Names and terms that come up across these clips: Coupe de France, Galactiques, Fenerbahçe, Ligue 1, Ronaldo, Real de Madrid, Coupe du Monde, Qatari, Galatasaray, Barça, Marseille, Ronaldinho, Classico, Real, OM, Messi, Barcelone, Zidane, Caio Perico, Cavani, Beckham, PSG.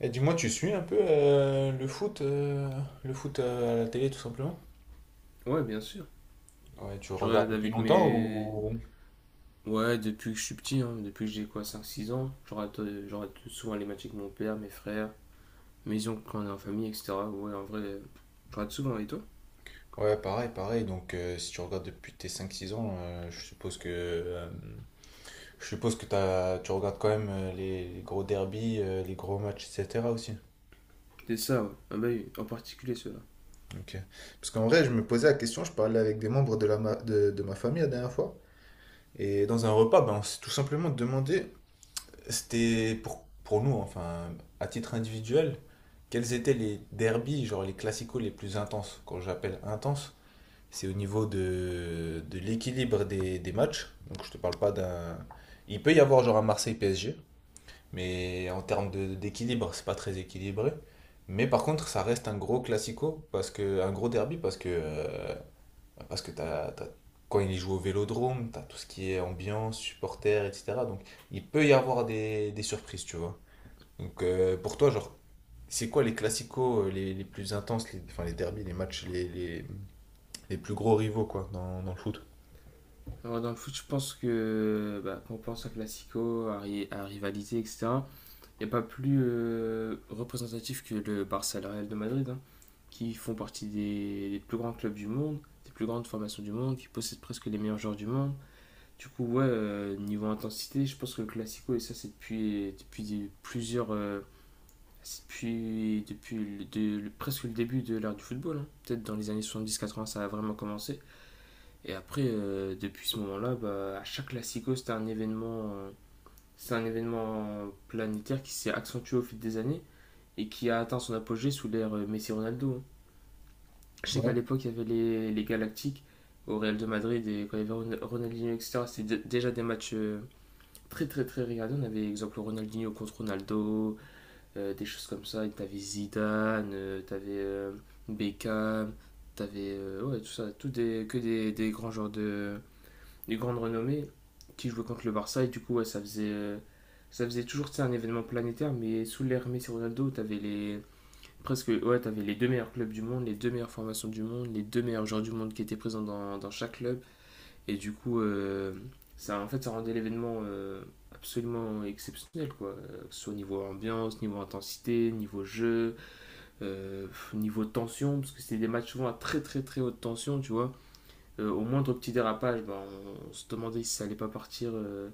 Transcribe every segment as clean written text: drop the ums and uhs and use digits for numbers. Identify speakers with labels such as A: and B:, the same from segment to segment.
A: Et dis-moi, tu suis un peu le foot à la télé tout simplement?
B: Ouais, bien sûr.
A: Ouais, tu
B: Je
A: regardes
B: regarde
A: depuis
B: avec
A: longtemps
B: mes.
A: ou...
B: Ouais, depuis que je suis petit, hein, depuis que j'ai quoi, cinq six ans, je regarde souvent les matchs avec mon père, mes frères, mes oncles quand on est en famille, etc. Ouais, en vrai, je regarde souvent, et toi?
A: Ouais, pareil, pareil. Si tu regardes depuis tes cinq, six ans, je suppose que tu regardes quand même les gros derbies, les gros matchs, etc. aussi.
B: C'est ça, ouais. Ah bah oui, en particulier ceux-là.
A: Ok. Parce qu'en vrai, je me posais la question, je parlais avec des membres de ma famille la dernière fois. Et dans un repas, ben, on s'est tout simplement demandé, c'était pour nous, enfin, à titre individuel, quels étaient les derbies, genre les classicos les plus intenses? Quand j'appelle intense, c'est au niveau de l'équilibre des matchs. Donc je te parle pas d'un. Il peut y avoir genre un Marseille-PSG, mais en d'équilibre, c'est pas très équilibré. Mais par contre, ça reste un gros classico, parce que, un gros derby, parce que t'as- quand il joue au Vélodrome, t'as tout ce qui est ambiance, supporters, etc. Donc il peut y avoir des surprises, tu vois. Pour toi, genre, c'est quoi les classicos les plus intenses, les, enfin les derbies, les matchs, les plus gros rivaux, quoi, dans le foot?
B: Alors, dans le foot, je pense que bah, quand on pense à Classico, à rivalité, etc., il n'y a pas plus représentatif que le Barça et le Real de Madrid, hein, qui font partie des plus grands clubs du monde, des plus grandes formations du monde, qui possèdent presque les meilleurs joueurs du monde. Du coup, ouais, niveau intensité, je pense que le Classico, et ça, c'est depuis plusieurs. C'est depuis presque le début de l'ère du football, hein. Peut-être dans les années soixante-dix quatre-vingts ça a vraiment commencé. Et après, depuis ce moment-là, bah, à chaque Classico, c'était un événement. C'est un événement planétaire qui s'est accentué au fil des années et qui a atteint son apogée sous l'ère Messi-Ronaldo, hein. Je sais qu'à
A: Ouais.
B: l'époque, il y avait les Galactiques au Real de Madrid et quand il y avait et etc. C'était déjà des matchs très très très regardé. On avait exemple Ronaldinho contre Ronaldo, des choses comme ça. Et t'avais Zidane, t'avais Beckham, t'avais ouais, tout ça, tout des, que des grands joueurs de des grandes renommées qui jouaient contre le Barça et du coup ouais, ça faisait toujours tu sais, un événement planétaire. Mais sous l'ère Messi Ronaldo, t'avais les deux meilleurs clubs du monde, les deux meilleures formations du monde, les deux meilleurs joueurs du monde qui étaient présents dans, dans chaque club. Et du coup, ça, en fait, ça rendait l'événement absolument exceptionnel, quoi. Que ce soit au niveau ambiance, niveau intensité, niveau jeu, niveau tension, parce que c'était des matchs souvent à très très très haute tension, tu vois. Au moindre petit dérapage, ben, on se demandait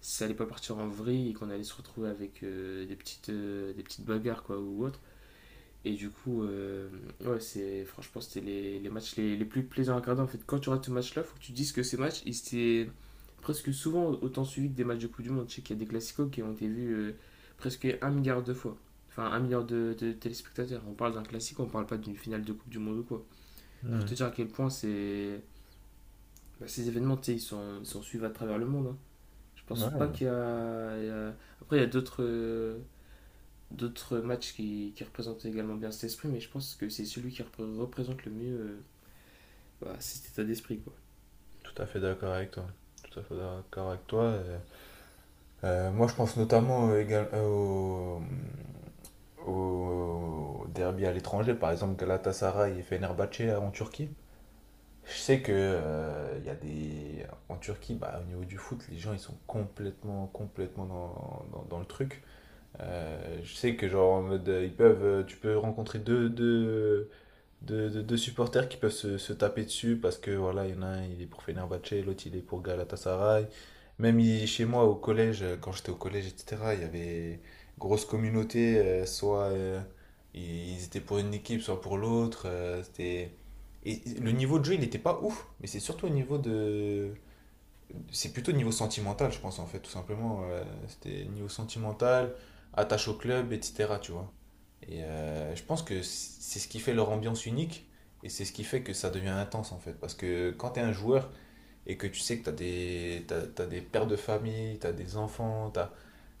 B: si ça allait pas partir en vrille et qu'on allait se retrouver avec des petites bagarres, quoi, ou autre. Et du coup, ouais, franchement, c'était les matchs les plus plaisants à regarder. En fait, quand tu regardes ce match-là, faut que tu te dises que ces matchs, ils étaient presque souvent autant suivis que des matchs de Coupe du Monde. Je sais qu'il y a des classicos qui ont été vus presque un milliard de fois. Enfin, un milliard de téléspectateurs. On parle d'un classique, on parle pas d'une finale de Coupe du Monde ou quoi. C'est pour
A: Hmm.
B: te dire à quel point c'est... bah, ces événements, tu sais, ils sont suivis à travers le monde, hein. Je
A: Ouais,
B: pense pas
A: euh,
B: qu'il y a... il y a- Après, il y a d'autres... d'autres matchs qui représentent également bien cet esprit, mais je pense que c'est celui qui représente le mieux bah, cet état d'esprit, quoi.
A: Tout à fait d'accord avec toi. Tout à fait d'accord avec toi. Moi, je pense notamment au derby à l'étranger, par exemple Galatasaray et Fenerbahçe là, en Turquie. Je sais que il y a des en Turquie, bah, au niveau du foot, les gens ils sont complètement complètement dans, dans le truc. Je sais que genre en mode, ils peuvent, tu peux rencontrer deux, de supporters qui peuvent se taper dessus parce que voilà, il y en a un, il est pour Fenerbahçe, l'autre il est pour Galatasaray. Même il- chez moi au collège, quand j'étais au collège, etc., il y avait grosse communauté, soit ils étaient pour une équipe, soit pour l'autre. C'était... Et le niveau de jeu, il n'était pas ouf, mais c'est surtout au niveau de, c'est plutôt niveau sentimental, je pense, en fait, tout simplement. C'était niveau sentimental, attache au club, etc., tu vois. Et je pense que c'est ce qui fait leur ambiance unique et c'est ce qui fait que ça devient intense, en fait. Parce que quand t'es un joueur et que tu sais que t'as des pères de famille, t'as des enfants,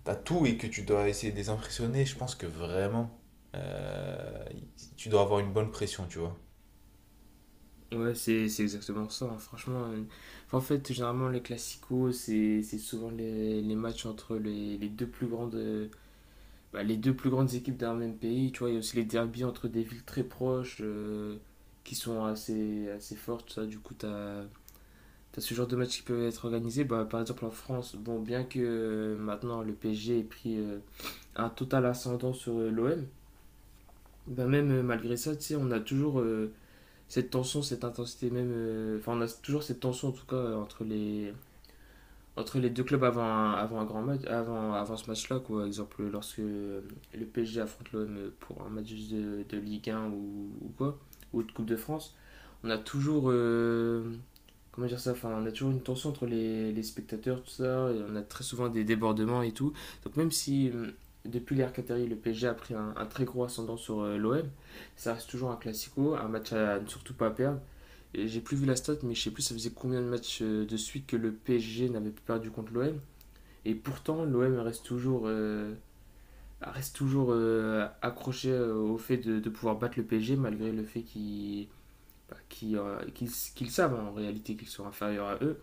A: t'as tout et que tu dois essayer de les impressionner, je pense que vraiment, euh, tu dois avoir une bonne pression, tu vois.
B: Ouais, c'est exactement ça, hein. Franchement, enfin, en fait, généralement, les classicos, c'est souvent les matchs entre les deux plus grandes équipes d'un même pays. Tu vois, il y a aussi les derbies entre des villes très proches qui sont assez fortes. Ça. Du coup, tu as, ce genre de matchs qui peuvent être organisés. Bah, par exemple, en France, bon, bien que maintenant le PSG ait pris un total ascendant sur l'OM. Ben même malgré ça, tu sais, on a toujours cette tension, cette intensité même, enfin on a toujours cette tension en tout cas entre les deux clubs avant un grand match, avant ce match-là, quoi. Par exemple, lorsque le PSG affronte l'OM pour un match de Ligue 1 ou quoi, ou de Coupe de France, on a toujours, comment dire ça, enfin, on a toujours une tension entre les spectateurs, tout ça, et on a très souvent des débordements et tout. Donc même si depuis l'ère Qatari, le PSG a pris un très gros ascendant sur l'OM, ça reste toujours un classico, un match à ne surtout pas perdre. Et j'ai plus vu la stat, mais je sais plus ça faisait combien de matchs de suite que le PSG n'avait plus perdu contre l'OM. Et pourtant, l'OM reste toujours accroché au fait de pouvoir battre le PSG, malgré le fait qu'ils savent hein, en réalité qu'ils sont inférieurs à eux.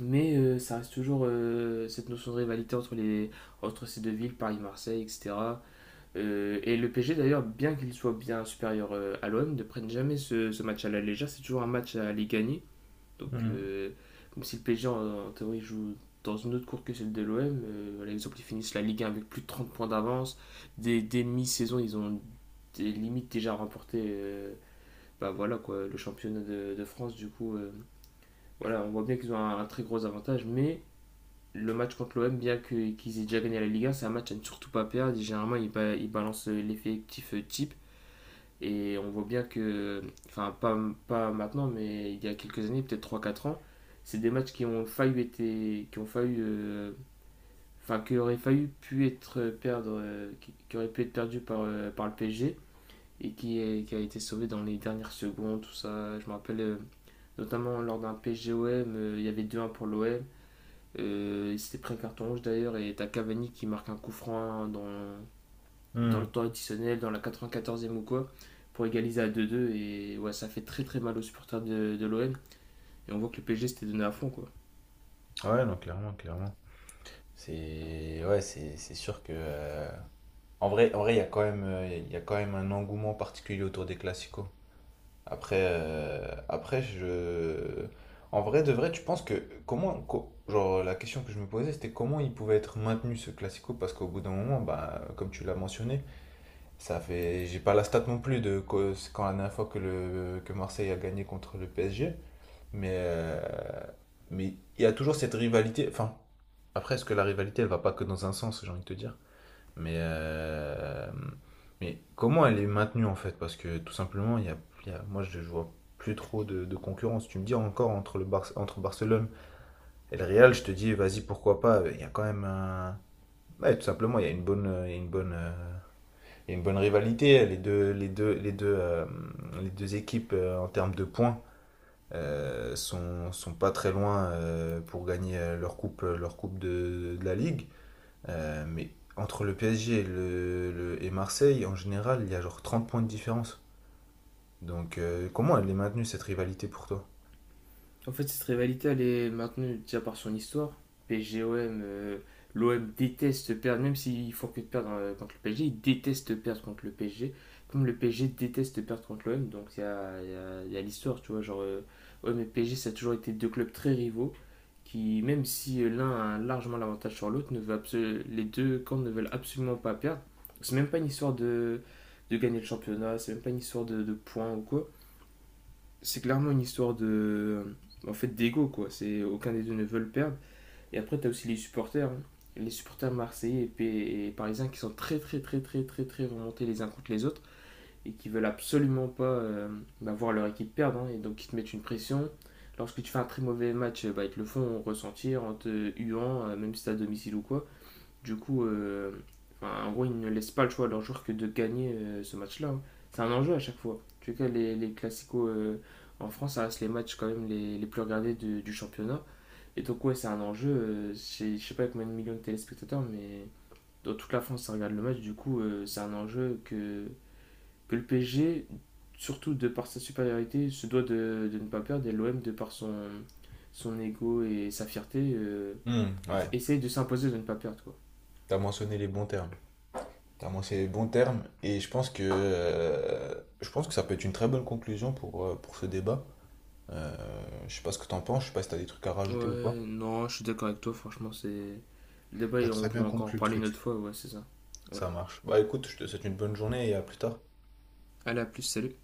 B: Mais ça reste toujours cette notion de rivalité entre ces deux villes, Paris-Marseille, etc. Et le PSG d'ailleurs, bien qu'il soit bien supérieur à l'OM, ne prennent jamais ce match à la légère. C'est toujours un match à aller gagner. Donc,
A: Mhm.
B: comme si le PSG en théorie joue dans une autre course que celle de l'OM, par exemple, ils finissent la Ligue 1 avec plus de 30 points d'avance. Dès mi-saison, ils ont des limites déjà remporté bah voilà, quoi, le championnat de France. Du coup, voilà, on voit bien qu'ils ont un très gros avantage, mais le match contre l'OM, bien qu'ils aient déjà gagné la Ligue 1, c'est un match à ne surtout pas perdre. Généralement, ils balancent l'effectif type. Et on voit bien que, enfin, pas maintenant, mais il y a quelques années, peut-être trois quatre ans, c'est des matchs qui ont failli été, qui ont failli, enfin, qui auraient failli pu être perdre, qui auraient pu être perdus par le PSG et qui a été sauvé dans les dernières secondes, tout ça. Je me rappelle notamment lors d'un PSG-OM, il y avait deux 1 pour l'OM. Il s'était pris un carton rouge d'ailleurs et t'as Cavani qui marque un coup franc dans le
A: Mhm.
B: temps additionnel, dans la 94e ou quoi, pour égaliser à 2-2. Et ouais, ça fait très très mal aux supporters de l'OM. Et on voit que le PSG s'était donné à fond, quoi.
A: Ouais, non, clairement, clairement. C'est ouais, c'est sûr que en vrai, il y a quand même il y a quand même un engouement particulier autour des classicos. Après je en vrai de vrai, tu penses que comment genre la question que je me posais c'était comment il pouvait être maintenu ce classico parce qu'au bout d'un moment bah comme tu l'as mentionné, ça fait j'ai pas la stat non plus de c'est quand la dernière fois que le que Marseille a gagné contre le PSG, mais euh, mais il y a toujours cette rivalité enfin après, est-ce que la rivalité, elle va pas que dans un sens, j'ai envie de te dire? Mais, euh, mais comment elle est maintenue en fait? Parce que tout simplement, il y a- moi je vois plus trop de concurrence. Tu me dis encore entre, entre Barcelone et le Real, je te dis vas-y, pourquoi pas? Il y a quand même un. Ouais, tout simplement, il y a une bonne rivalité. Les deux équipes en termes de points sont pas très loin pour gagner leur coupe de la Ligue. Mais entre le PSG et Marseille, en général, il y a genre 30 points de différence. Donc, comment elle est maintenue, cette rivalité pour toi?
B: En fait, cette rivalité, elle est maintenue déjà par son histoire. PSG-OM, l'OM déteste perdre, même s'ils font que de perdre contre le PSG, ils détestent perdre contre le PSG. Comme le PSG déteste perdre contre l'OM, donc il y a l'histoire, tu vois. Genre, OM et PSG, ça a toujours été deux clubs très rivaux qui, même si l'un a largement l'avantage sur l'autre, ne veut absolu- les deux camps ne veulent absolument pas perdre. C'est même pas une histoire de gagner le championnat, c'est même pas une histoire de points ou quoi. C'est clairement une histoire de en fait d'ego quoi. C'est aucun des deux ne veut le perdre. Et après tu as aussi les supporters, hein. Les supporters marseillais et parisiens qui sont très très très très très très remontés les uns contre les autres et qui veulent absolument pas bah, voir leur équipe perdre, hein. Et donc ils te mettent une pression lorsque tu fais un très mauvais match bah, ils te le font ressentir en te huant même si t'es à domicile ou quoi. Du coup, enfin, en gros, ils ne laissent pas le choix à leurs joueurs que de gagner ce match-là, hein. C'est un enjeu à chaque fois. En tout cas, les classicos en France, ça reste les matchs quand même les plus regardés du championnat. Et donc, ouais, c'est un enjeu. Je sais pas combien de millions de téléspectateurs, mais dans toute la France, ça regarde le match. Du coup, c'est un enjeu que le PSG, surtout de par sa supériorité, se doit de ne pas perdre. Et l'OM, de par son ego et sa fierté,
A: Hmm,
B: bah,
A: ouais,
B: essaye de s'imposer de ne pas perdre, quoi.
A: t'as mentionné les bons termes. T'as mentionné les bons termes, et je pense que ça peut être une très bonne conclusion pour ce débat. Euh, je sais pas ce que t'en penses, je sais pas si t'as des trucs à rajouter ou pas.
B: Ouais, non, je suis d'accord avec toi, franchement, c'est... Le débat,
A: T'as
B: on
A: très bien
B: pourra encore en
A: compris le
B: parler une
A: truc.
B: autre fois, ouais, c'est ça. Ouais.
A: Ça marche. Bah écoute, je te souhaite une bonne journée et à plus tard.
B: Allez, à plus, salut.